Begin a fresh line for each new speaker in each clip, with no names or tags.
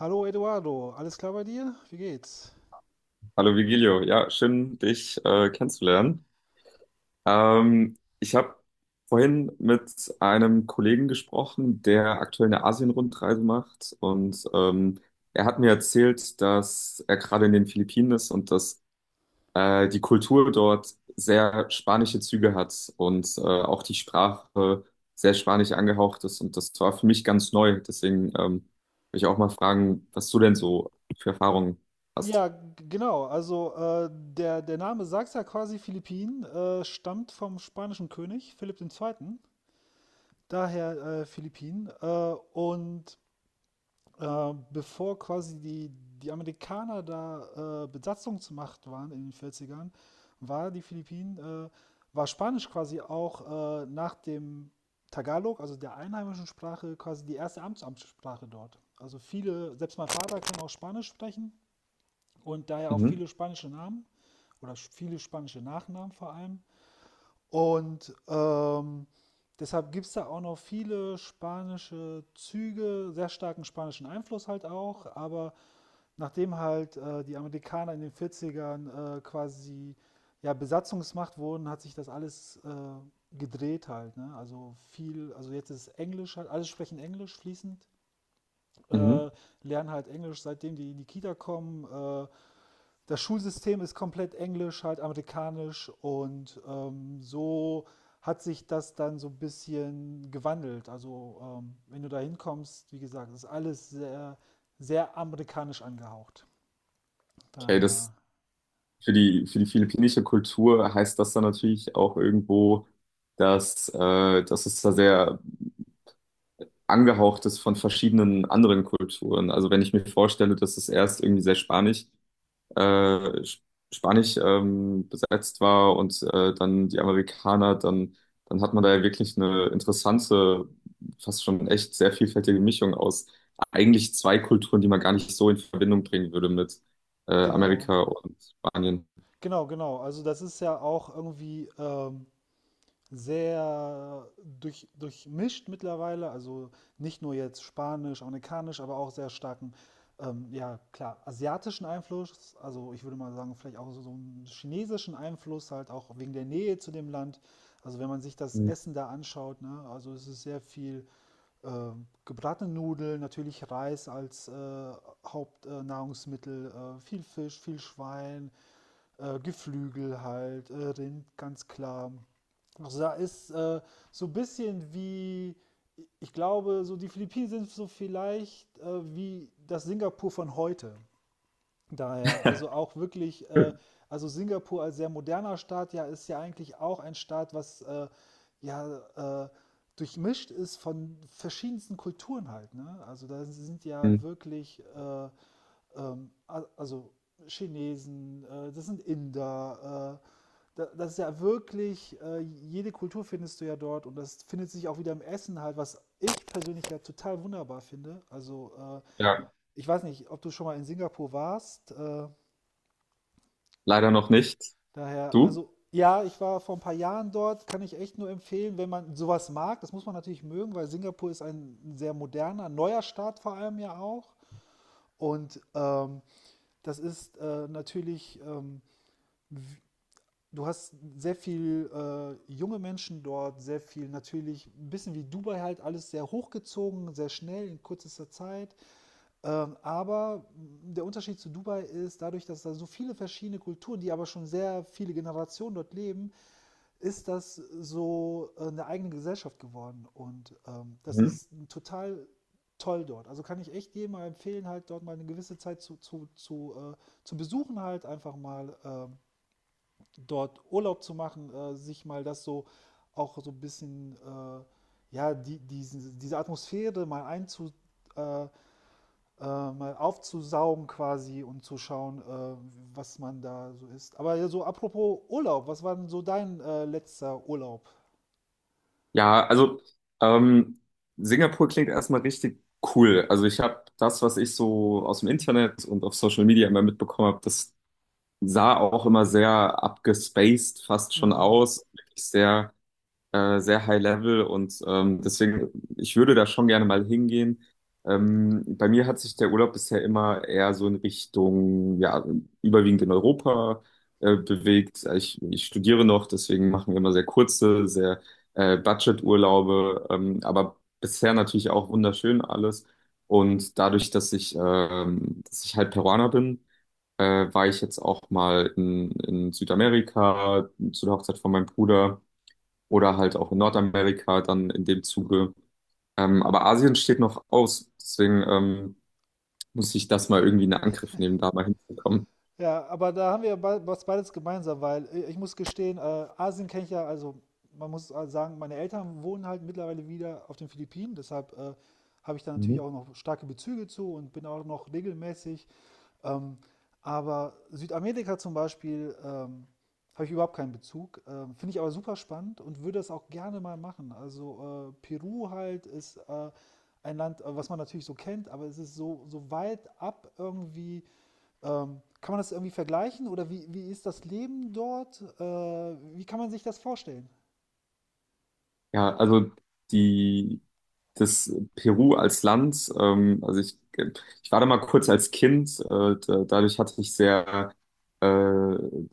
Hallo Eduardo, alles klar bei dir? Wie geht's?
Hallo Vigilio, ja, schön, dich kennenzulernen. Ich habe vorhin mit einem Kollegen gesprochen, der aktuell eine Asien-Rundreise macht, und er hat mir erzählt, dass er gerade in den Philippinen ist und dass die Kultur dort sehr spanische Züge hat und auch die Sprache sehr spanisch angehaucht ist, und das war für mich ganz neu. Deswegen will ich auch mal fragen, was du denn so für Erfahrungen hast.
Ja, genau. Also der Name sagt ja quasi Philippinen, stammt vom spanischen König Philipp II. Daher Philippinen. Und Bevor quasi die Amerikaner da Besatzungsmacht waren in den Vierzigern, war die Philippinen, äh, war Spanisch quasi auch nach dem Tagalog, also der einheimischen Sprache, quasi die erste Amtssprache dort. Also viele, selbst mein Vater kann auch Spanisch sprechen und daher auch
Mhm.
viele spanische Namen oder viele spanische Nachnamen vor allem. Und deshalb gibt es da auch noch viele spanische Züge, sehr starken spanischen Einfluss halt auch. Aber nachdem halt die Amerikaner in den Vierzigern quasi ja, Besatzungsmacht wurden, hat sich das alles gedreht halt. Ne? Also viel, also jetzt ist Englisch halt, alle sprechen Englisch fließend,
Mhm.
äh, lernen halt Englisch, seitdem die in die Kita kommen. Das Schulsystem ist komplett englisch, halt amerikanisch und so hat sich das dann so ein bisschen gewandelt. Also wenn du da hinkommst, wie gesagt, ist alles sehr amerikanisch angehaucht.
Okay,
Daher,
das für die philippinische Kultur heißt das dann natürlich auch irgendwo, dass es da sehr angehaucht ist von verschiedenen anderen Kulturen. Also wenn ich mir vorstelle, dass es erst irgendwie sehr spanisch, äh, sp- spanisch besetzt war und dann die Amerikaner, dann, dann hat man da ja wirklich eine interessante, fast schon echt sehr vielfältige Mischung aus eigentlich zwei Kulturen, die man gar nicht so in Verbindung bringen würde mit
genau,
Amerika und Spanien.
genau. Also das ist ja auch irgendwie sehr durchmischt mittlerweile, also nicht nur jetzt Spanisch, Amerikanisch, aber auch sehr starken, ja klar, asiatischen Einfluss, also ich würde mal sagen, vielleicht auch so einen chinesischen Einfluss, halt auch wegen der Nähe zu dem Land. Also wenn man sich das
Mhm.
Essen da anschaut, ne, also es ist sehr viel äh, gebratene Nudeln, natürlich Reis als Hauptnahrungsmittel, viel Fisch, viel Schwein, Geflügel halt, Rind, ganz klar. Also da ist so ein bisschen wie, ich glaube, so die Philippinen sind so vielleicht wie das Singapur von heute. Daher, also auch wirklich, also Singapur als sehr moderner Staat, ja, ist ja eigentlich auch ein Staat, was ja äh, durchmischt ist von verschiedensten Kulturen halt. Ne? Also da sind ja wirklich ähm, also Chinesen, das sind Inder. Das ist ja wirklich, jede Kultur findest du ja dort und das findet sich auch wieder im Essen halt, was ich persönlich ja total wunderbar finde. Also
Ja.
ich weiß nicht, ob du schon mal in Singapur warst.
Leider noch nicht.
Daher,
Du?
also ja, ich war vor ein paar Jahren dort, kann ich echt nur empfehlen, wenn man sowas mag. Das muss man natürlich mögen, weil Singapur ist ein sehr moderner, neuer Staat vor allem ja auch. Und das ist natürlich du hast sehr viel junge Menschen dort, sehr viel natürlich, ein bisschen wie Dubai halt, alles sehr hochgezogen, sehr schnell, in kürzester Zeit. Aber der Unterschied zu Dubai ist, dadurch, dass da so viele verschiedene Kulturen, die aber schon sehr viele Generationen dort leben, ist das so eine eigene Gesellschaft geworden. Und das
Mhm.
ist total toll dort. Also kann ich echt jedem mal empfehlen, halt dort mal eine gewisse Zeit zu besuchen, halt einfach mal. Dort Urlaub zu machen, sich mal das so auch so ein bisschen, ja, diese Atmosphäre mal äh, mal aufzusaugen quasi und zu schauen, was man da so ist. Aber ja, so apropos Urlaub, was war denn so dein letzter Urlaub?
Ja, also ähm, Singapur klingt erstmal richtig cool. Also ich habe das, was ich so aus dem Internet und auf Social Media immer mitbekommen habe, das sah auch immer sehr abgespaced fast schon
Mhm.
aus. Wirklich sehr sehr high level, und deswegen, ich würde da schon gerne mal hingehen. Bei mir hat sich der Urlaub bisher immer eher so in Richtung, ja, überwiegend in Europa bewegt. Ich studiere noch, deswegen machen wir immer sehr kurze, sehr Budget-Urlaube, aber bisher natürlich auch wunderschön alles. Und dadurch, dass ich halt Peruaner bin, war ich jetzt auch mal in Südamerika zu der Hochzeit von meinem Bruder oder halt auch in Nordamerika dann in dem Zuge. Aber Asien steht noch aus, deswegen muss ich das mal irgendwie in Angriff nehmen, da mal hinzukommen.
Ja, aber da haben wir was beides gemeinsam, weil ich muss gestehen, Asien kenne ich ja, also man muss sagen, meine Eltern wohnen halt mittlerweile wieder auf den Philippinen, deshalb habe ich da natürlich
Mhm.
auch noch starke Bezüge zu und bin auch noch regelmäßig. Ähm, aber Südamerika zum Beispiel habe ich überhaupt keinen Bezug, finde ich aber super spannend und würde das auch gerne mal machen. Also Peru halt ist ein Land, was man natürlich so kennt, aber es ist so weit ab irgendwie kann man das irgendwie vergleichen oder wie ist das Leben dort? Wie kann man sich das vorstellen?
Ja, also die, das Peru als Land, also ich war da mal kurz als Kind, da, dadurch hatte ich sehr, äh,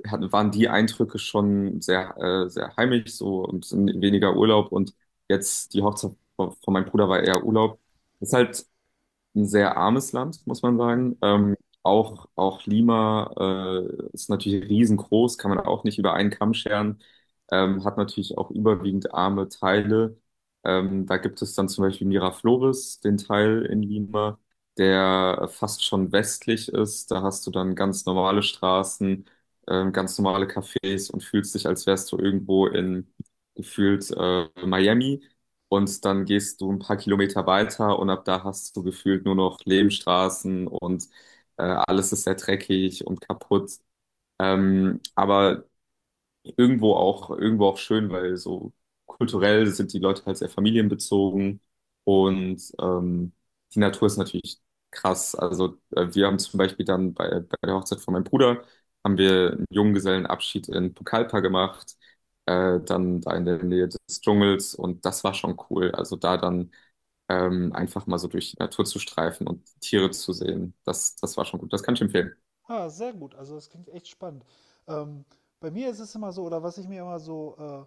hatten, waren die Eindrücke schon sehr, sehr heimisch so und sind weniger Urlaub, und jetzt die Hochzeit von meinem Bruder war eher Urlaub. Ist halt ein sehr armes Land, muss man
Hm.
sagen. Auch, auch Lima ist natürlich riesengroß, kann man auch nicht über einen Kamm scheren, hat natürlich auch überwiegend arme Teile. Da gibt es dann zum Beispiel Miraflores, den Teil in Lima, der fast schon westlich ist. Da hast du dann ganz normale Straßen, ganz normale Cafés und fühlst dich, als wärst du irgendwo in gefühlt Miami. Und dann gehst du ein paar Kilometer weiter, und ab da hast du gefühlt nur noch Lehmstraßen, und alles ist sehr dreckig und kaputt. Aber irgendwo auch schön, weil so kulturell sind die Leute halt sehr familienbezogen, und die Natur ist natürlich krass. Also wir haben zum Beispiel dann bei, bei der Hochzeit von meinem Bruder haben wir einen Junggesellenabschied in Pucallpa gemacht, dann da in der Nähe des Dschungels, und das war schon cool. Also da dann einfach mal so durch die Natur zu streifen und Tiere zu sehen, das, das war schon gut. Das kann ich empfehlen.
Ah, sehr gut. Also das klingt echt spannend. Ähm, bei mir ist es immer so, oder was ich mir immer so äh,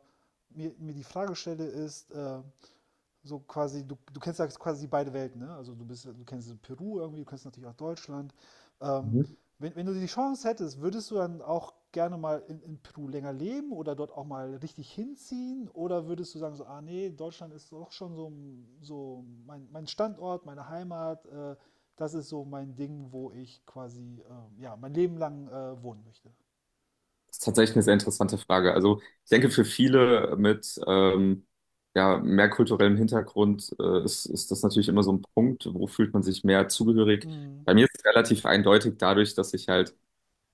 mir, mir die Frage stelle, ist, so quasi, du kennst ja quasi beide Welten, ne? Also du bist, du kennst Peru irgendwie, du kennst natürlich auch Deutschland. Ähm, wenn du die Chance hättest, würdest du dann auch gerne mal in Peru länger leben oder dort auch mal richtig hinziehen? Oder würdest du sagen, so, ah nee, Deutschland ist doch schon so, so mein Standort, meine Heimat, das ist so mein Ding, wo ich quasi ja, mein Leben lang wohnen möchte.
Das ist tatsächlich eine sehr interessante Frage. Also ich denke, für viele mit ja, mehr kulturellem Hintergrund ist, ist das natürlich immer so ein Punkt, wo fühlt man sich mehr zugehörig.
Mhm.
Bei mir ist es relativ eindeutig dadurch, dass ich halt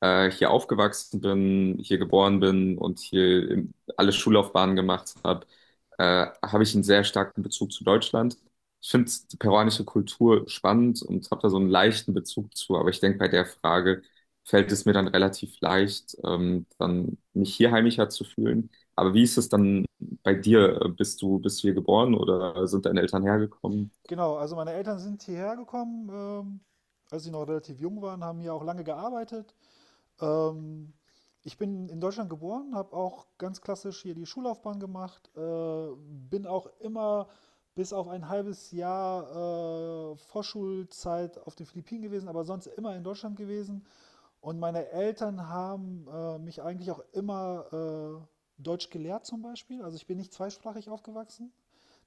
hier aufgewachsen bin, hier geboren bin und hier im- alle Schullaufbahnen gemacht habe, habe ich einen sehr starken Bezug zu Deutschland. Ich finde die peruanische Kultur spannend und habe da so einen leichten Bezug zu, aber ich denke, bei der Frage fällt es mir dann relativ leicht, dann mich hier heimischer zu fühlen. Aber wie ist es dann bei dir? Bist du hier geboren oder sind deine Eltern hergekommen?
Genau, also meine Eltern sind hierher gekommen, als sie noch relativ jung waren, haben hier auch lange gearbeitet, Ähm, ich bin in Deutschland geboren, habe auch ganz klassisch hier die Schullaufbahn gemacht, bin auch immer bis auf ein halbes Jahr Vorschulzeit auf den Philippinen gewesen, aber sonst immer in Deutschland gewesen. Und meine Eltern haben mich eigentlich auch immer Deutsch gelehrt zum Beispiel. Also ich bin nicht zweisprachig aufgewachsen.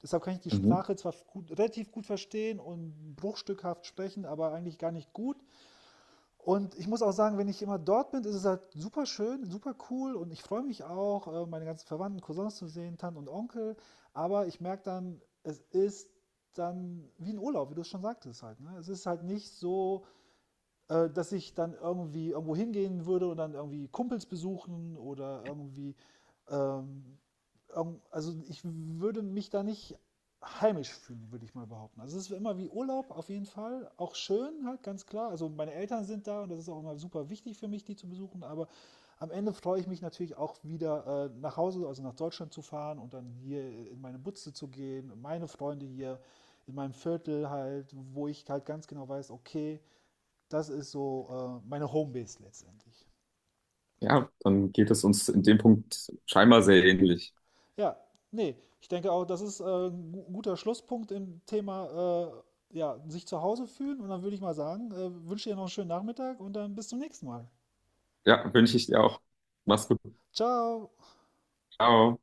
Deshalb kann ich die
Mhm.
Sprache zwar gut, relativ gut verstehen und bruchstückhaft sprechen, aber eigentlich gar nicht gut. Und ich muss auch sagen, wenn ich immer dort bin, ist es halt super schön, super cool und ich freue mich auch, meine ganzen Verwandten, Cousins zu sehen, Tanten und Onkel. Aber ich merke dann, es ist dann wie ein Urlaub, wie du es schon sagtest halt. Ne? Es ist halt nicht so, dass ich dann irgendwie irgendwo hingehen würde und dann irgendwie Kumpels besuchen oder irgendwie ähm, also ich würde mich da nicht heimisch fühlen, würde ich mal behaupten. Also es ist immer wie Urlaub auf jeden Fall, auch schön halt, ganz klar. Also meine Eltern sind da und das ist auch immer super wichtig für mich, die zu besuchen, aber am Ende freue ich mich natürlich auch wieder nach Hause, also nach Deutschland zu fahren und dann hier in meine Butze zu gehen, meine Freunde hier in meinem Viertel halt, wo ich halt ganz genau weiß, okay, das ist so meine Homebase letztendlich.
Ja, dann geht es uns in dem Punkt scheinbar sehr ähnlich.
Ja, nee, ich denke auch, das ist ein guter Schlusspunkt im Thema, ja, sich zu Hause fühlen. Und dann würde ich mal sagen, wünsche dir noch einen schönen Nachmittag und dann bis zum nächsten Mal.
Ja, wünsche ich dir auch. Mach's gut.
Ciao!
Ciao.